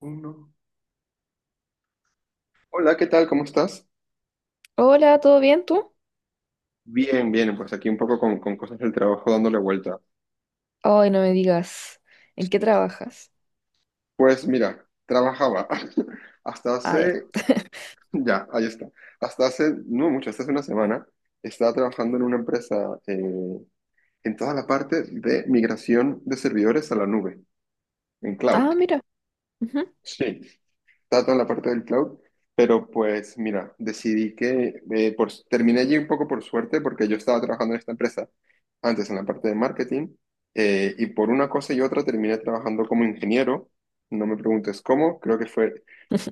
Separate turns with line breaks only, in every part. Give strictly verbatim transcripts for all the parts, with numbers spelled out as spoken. Uno. Hola, ¿qué tal? ¿Cómo estás?
Hola, ¿todo bien tú?
Bien, bien, pues aquí un poco con, con cosas del trabajo dándole vuelta.
Ay, no me digas, ¿en qué trabajas?
Pues mira, trabajaba hasta
Ah, ya.
hace, ya, ahí está, hasta hace, no mucho, hasta hace una semana, estaba trabajando en una empresa eh, en toda la parte de migración de servidores a la nube, en cloud.
Ah, mira, ujú.
Sí. Está toda la parte del cloud, pero pues mira, decidí que eh, por, terminé allí un poco por suerte porque yo estaba trabajando en esta empresa antes en la parte de marketing eh, y por una cosa y otra terminé trabajando como ingeniero, no me preguntes cómo, creo que fue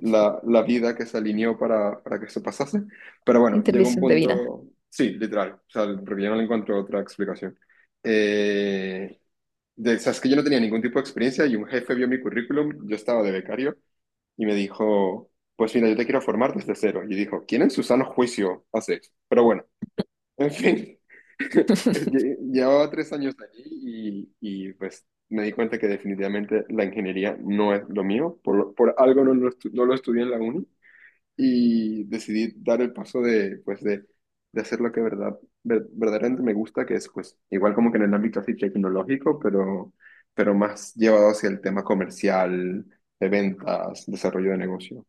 la, la vida que se alineó para, para que eso pasase, pero bueno, llegó un
Intervención divina.
punto, sí, literal, o sea, porque yo no le encuentro otra explicación. Eh, de, o sea, es que yo no tenía ningún tipo de experiencia y un jefe vio mi currículum, yo estaba de becario y me dijo, pues mira, yo te quiero formar desde cero. Y dijo, ¿quién en su sano juicio hace eso? Pero bueno, en fin, lle- llevaba tres años allí y, y, pues me di cuenta que definitivamente la ingeniería no es lo mío, por, lo- por algo no lo, estu- no lo estudié en la uni y decidí dar el paso de, pues de, de hacer lo que verdad, ver- verdaderamente me gusta, que es pues igual como que en el ámbito así tecnológico, pero, pero más llevado hacia el tema comercial, de ventas, desarrollo de negocio.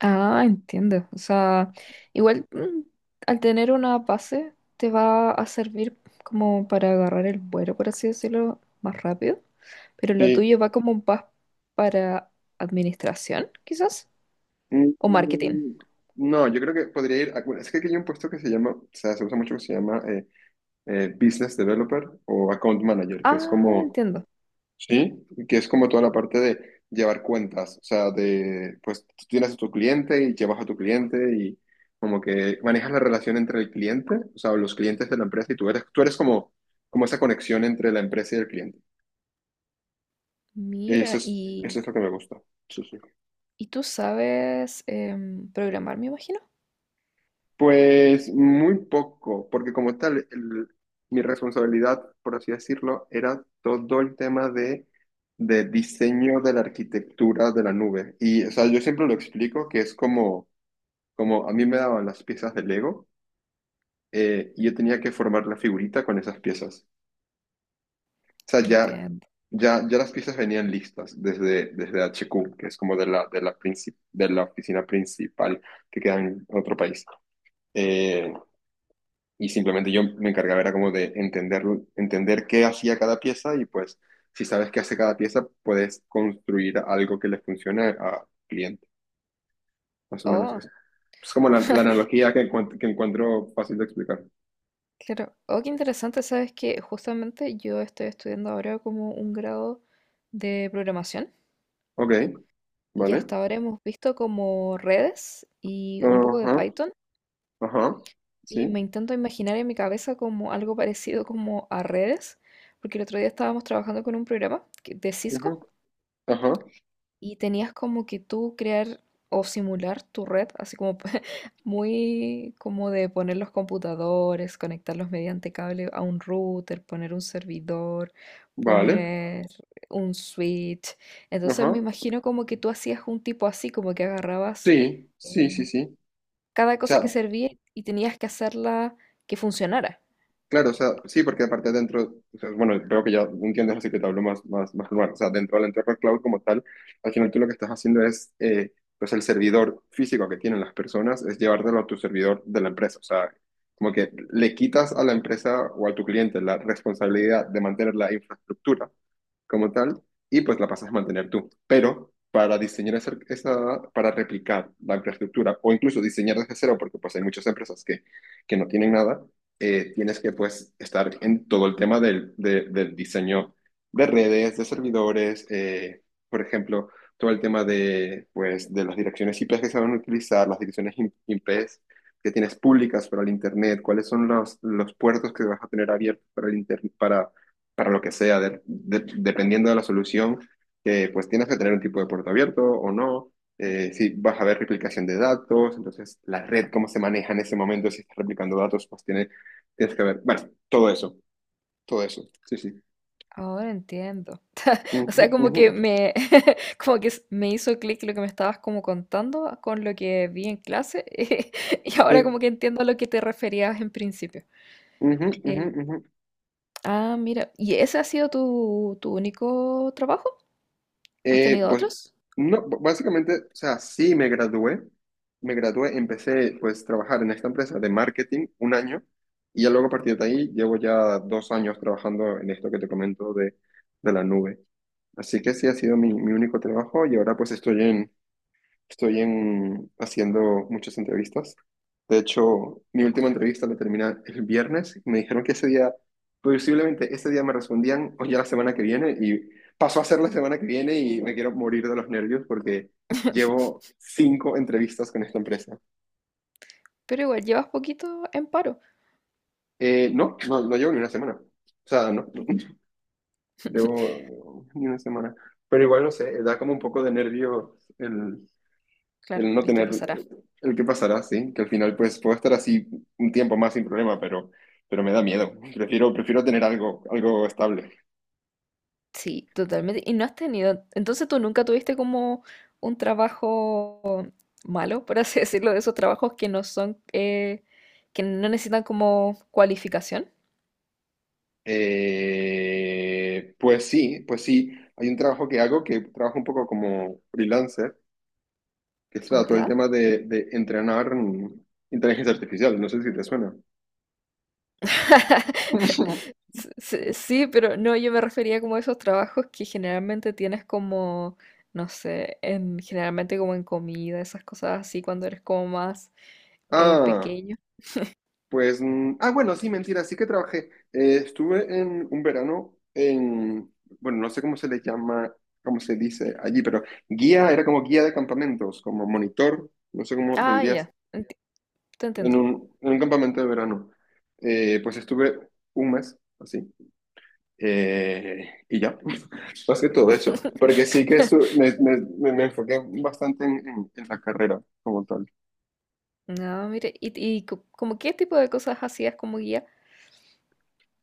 Ah, entiendo. O sea, igual mm, al tener una base te va a servir como para agarrar el vuelo, por así decirlo, más rápido, pero lo
Sí.
tuyo va como más para administración, quizás, o marketing.
Mm. No, yo creo que podría ir. a- bueno, es que aquí hay un puesto que se llama, o sea, se usa mucho que se llama eh, eh, Business Developer o Account Manager, que es
Ah,
como,
entiendo.
sí, que es como toda la parte de llevar cuentas. O sea, de, pues tú tienes a tu cliente y llevas a tu cliente y como que manejas la relación entre el cliente, o sea, o los clientes de la empresa y tú eres, tú eres como, como esa conexión entre la empresa y el cliente. Eso
Mira,
es,
y
eso es lo que me gusta. Sí, sí.
y tú sabes em, programar, me imagino.
Pues muy poco, porque como tal, el- mi responsabilidad, por así decirlo, era todo el tema de, de diseño de la arquitectura de la nube. Y, o sea, yo siempre lo explico que es como, como a mí me daban las piezas de Lego eh, y yo tenía que formar la figurita con esas piezas. O sea, ya,
Entiendo.
ya, ya las piezas venían listas desde, desde H Q, que es como de la, de la, princip- de la oficina principal que queda en otro país. Eh, y simplemente yo me encargaba era como de entenderlo, entender qué hacía cada pieza y pues si sabes qué hace cada pieza, puedes construir algo que le funcione a cliente. Más o menos
Oh,
eso. Es como la, la analogía que, encuent- que encuentro fácil de explicar.
claro. Oh, qué interesante. Sabes que justamente yo estoy estudiando ahora como un grado de programación
Ok,
y
vale.
hasta ahora hemos visto como redes y un poco de
Ajá,
Python
ajá,
y
sí,
me intento imaginar en mi cabeza como algo parecido como a redes, porque el otro día estábamos trabajando con un programa que- de
ujú,
Cisco
ajá,
y tenías como que tú crear o simular tu red, así como muy como de poner los computadores, conectarlos mediante cable a un router, poner un servidor,
vale,
poner un switch. Entonces me
ajá,
imagino como que tú hacías un tipo así, como que agarrabas
sí, sí, sí,
eh,
sí. O
cada cosa que
sea,
servía y tenías que hacerla que funcionara.
claro, o sea, sí, porque aparte dentro, o sea, bueno, creo que ya entiendes, así que te hablo más, más, más normal. O sea, dentro del entorno cloud como tal, al final tú lo que estás haciendo es, eh, pues el servidor físico que tienen las personas es llevártelo a tu servidor de la empresa. O sea, como que le quitas a la empresa o a tu cliente la responsabilidad de mantener la infraestructura como tal y pues la pasas a mantener tú. Pero para diseñar esa, esa- para replicar la infraestructura o incluso diseñar desde cero, porque pues hay muchas empresas que, que no tienen nada eh, tienes que pues estar en todo el tema del, de- del diseño de redes, de servidores, eh, por ejemplo, todo el tema de, pues, de las direcciones I P que se van a utilizar, las direcciones im- I P que tienes públicas para el Internet, cuáles son los, los puertos que vas a tener abiertos para el Internet, para, para lo que sea, de- de- dependiendo de la solución, eh, pues tienes que tener un tipo de puerto abierto o no
Claro.
eh, si vas a ver replicación de datos, entonces la red, cómo se maneja en ese momento, si está replicando datos, pues tiene Tienes que ver. Bueno, todo eso, todo eso. Sí, sí.
Ahora entiendo. O
Ujú,
sea, como
ujú.
que me, como que s- me hizo clic lo que me estabas como contando con lo que vi en clase y ahora
Sí.
como que entiendo a lo que te referías en principio.
Ujú, ujú,
Eh,
ujú.
ah, mira, ¿y ese ha sido tu, tu único trabajo? ¿Has
Eh,
tenido
pues,
otros?
no, b- básicamente, o sea, sí me gradué. Me gradué, empecé pues a trabajar en esta empresa de marketing un año y ya luego a partir de ahí llevo ya dos años trabajando en esto que te comento de, de la nube. Así que sí ha sido mi, mi único trabajo y ahora pues estoy en, Estoy en, haciendo muchas entrevistas. De hecho, mi última entrevista la terminé el viernes y me dijeron que ese día, posiblemente ese día me respondían o ya la semana que viene y pasó a ser la semana que viene y me quiero morir de los nervios porque llevo cinco entrevistas con esta empresa.
Pero igual, llevas poquito en paro.
Eh, no, no, no llevo ni una semana. O sea, no, no, llevo ni una semana. Pero igual, no sé, da como un poco de nervios el
Claro,
el no
el que
tener
pasará.
el qué pasará, sí, que al final pues puedo estar así un tiempo más sin problema, pero, pero me da miedo. Prefiero, prefiero tener algo, algo estable.
Sí, totalmente. ¿Y no has tenido, entonces tú nunca tuviste como un trabajo malo, por así decirlo, de esos trabajos que no son, eh, que no necesitan como cualificación?
Eh, pues sí, pues sí. Hay un trabajo que hago que trabajo un poco como freelancer, que es claro, todo el
¿Ya?
tema de, de entrenar mm, inteligencia artificial. No sé si te suena.
S- s- Sí, pero no, yo me refería como a esos trabajos que generalmente tienes como, no sé, en, generalmente como en comida, esas cosas así, cuando eres como más eh,
Ah.
pequeño.
Pues, mm, ah, bueno, sí, mentira, sí que trabajé. Eh, estuve en un verano en, bueno, no sé cómo se le llama, cómo se dice allí, pero guía, era como guía de campamentos, como monitor, no sé cómo lo
Ah, ya,
dirías,
enti- te entiendo.
en un, en un campamento de verano. Eh, pues estuve un mes, así, eh, y ya, más que todo eso, porque sí que estu- me, me- me- me enfoqué bastante en, en en la carrera como tal.
No, mire, ¿y, ¿y co- como qué tipo de cosas hacías como guía?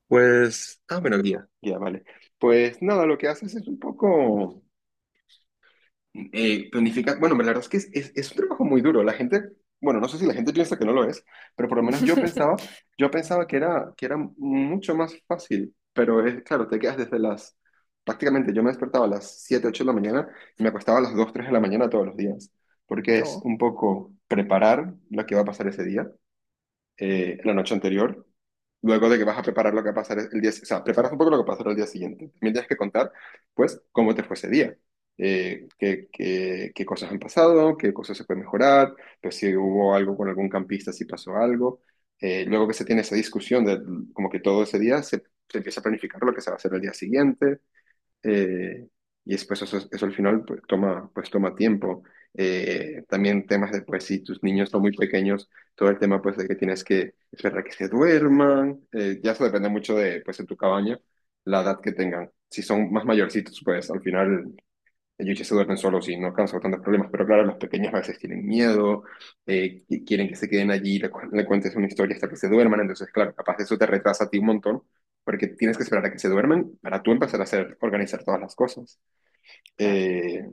Pues, ah, bueno, guía, guía, vale. Pues nada, lo que haces es un poco, eh, planifica, bueno, la verdad es que es, es- es un trabajo muy duro. La gente, bueno, no sé si la gente piensa que no lo es, pero por lo menos yo pensaba, yo pensaba que era, que era mucho más fácil, pero es, claro, te quedas desde las, prácticamente yo me despertaba a las siete ocho de la mañana y me acostaba a las dos tres de la mañana todos los días, porque es
Oh,
un poco preparar lo que va a pasar ese día, eh, la noche anterior, luego de que vas a preparar lo que va a pasar el día, o sea, preparas un poco lo que pasará el día siguiente. También tienes que contar, pues, cómo te fue ese día, eh, qué, qué- qué cosas han pasado, qué cosas se puede mejorar, pues si hubo algo con algún campista, si pasó algo. Eh, luego que se tiene esa discusión de como que todo ese día se, se empieza a planificar lo que se va a hacer el día siguiente. Eh, y después eso, eso al final pues, toma, pues, toma tiempo. Eh, también temas de, pues si tus niños son muy pequeños, todo el tema pues de que tienes que esperar a que se duerman. Eh, ya eso depende mucho de, pues, de tu cabaña, la edad que tengan. Si son más mayorcitos, pues al final ellos ya se duermen solos y no causa tantos problemas, pero claro, los pequeños a veces tienen miedo, eh, qui- quieren que se queden allí, le, cu- le cuentes una historia hasta que se duerman, entonces claro, capaz eso te retrasa a ti un montón, porque tienes que esperar a que se duerman para tú empezar a hacer, organizar todas las cosas.
claro.
Eh,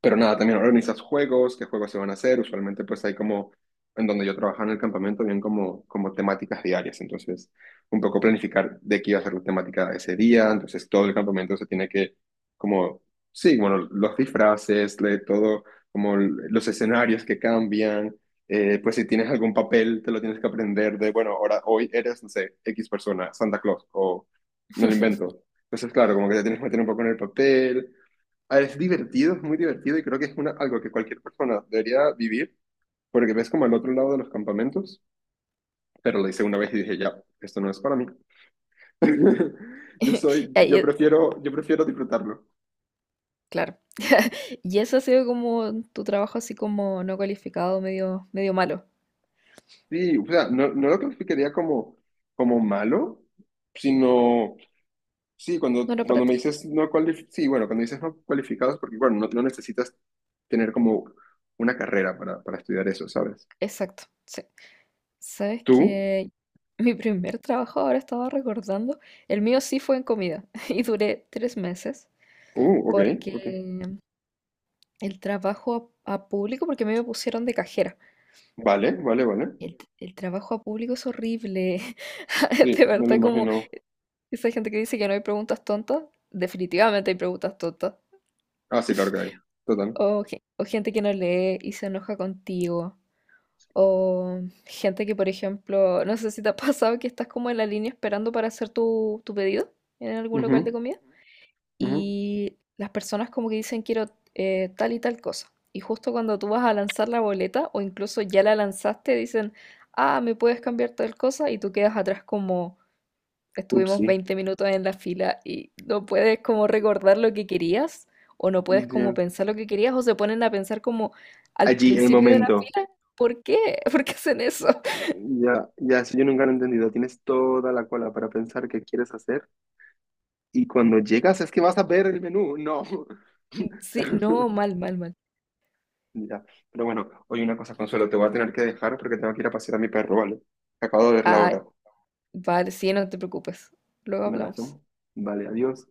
pero nada, también organizas juegos, qué juegos se van a hacer. Usualmente pues hay como, en donde yo trabajaba en el campamento, bien como, como temáticas diarias. Entonces, un poco planificar de qué iba a ser la temática ese día. Entonces, todo el campamento se tiene que, como, sí, bueno, los disfraces, le- todo, como l- los escenarios que cambian. Eh, pues si tienes algún papel, te lo tienes que aprender de, bueno, ahora, hoy eres, no sé, X persona, Santa Claus, o me lo invento. Entonces, claro, como que te tienes que meter un poco en el papel. Ah, es divertido, es muy divertido y creo que es una, algo que cualquier persona debería vivir porque ves como al otro lado de los campamentos, pero lo hice una vez y dije, ya, esto no es para mí. Yo soy,
Y ahí
yo
es-
prefiero, yo prefiero disfrutarlo.
claro. Y eso ha sido como tu trabajo así como no cualificado, medio, medio malo.
Sí, o sea, no, no lo clasificaría como, como malo, sino, sí,
No
cuando,
era para
cuando me
ti.
dices no cualificados, sí, bueno, cuando dices no cualificados, porque bueno, no, no necesitas tener como una carrera para, para estudiar eso, ¿sabes?
Exacto, sí. Sabes
¿Tú?
que mi primer trabajo, ahora estaba recordando, el mío sí fue en comida y duré tres meses
Uh, ok,
porque
ok.
el trabajo a, a público, porque a mí me pusieron de cajera.
Vale, vale, vale.
El, t- el trabajo a público es horrible.
Sí,
De
me lo
verdad, como
imagino.
esa gente que dice que no hay preguntas tontas, definitivamente hay preguntas tontas.
Ah, sí, claro que hay. Total.
O, ge- o gente que no lee y se enoja contigo. O gente que, por ejemplo, no sé si te ha pasado que estás como en la línea esperando para hacer tu, tu pedido en algún local de
Ujú,
comida,
ujú.
y las personas como que dicen quiero eh, tal y tal cosa. Y justo cuando tú vas a lanzar la boleta o incluso ya la lanzaste, dicen, ah, me puedes cambiar tal cosa y tú quedas atrás como estuvimos
Upsi.
veinte minutos en la fila y no puedes como recordar lo que querías o no puedes como
Ya.
pensar lo que querías o se ponen a pensar como al
Allí, el
principio de la
momento.
fila, ¿por qué? ¿Por qué hacen eso?
Ya, ya, eso yo nunca lo he entendido. Tienes toda la cola para pensar qué quieres hacer y cuando llegas es que vas a ver el menú. No.
Sí, no, mal, mal, mal.
Ya. Pero bueno, oye, una cosa, Consuelo, te voy a tener que dejar porque tengo que ir a pasear a mi perro, ¿vale? Acabo de ver la
Ah,
hora.
vale, sí, no te preocupes. Luego
Y nada,
hablamos.
¿no? Vale, adiós.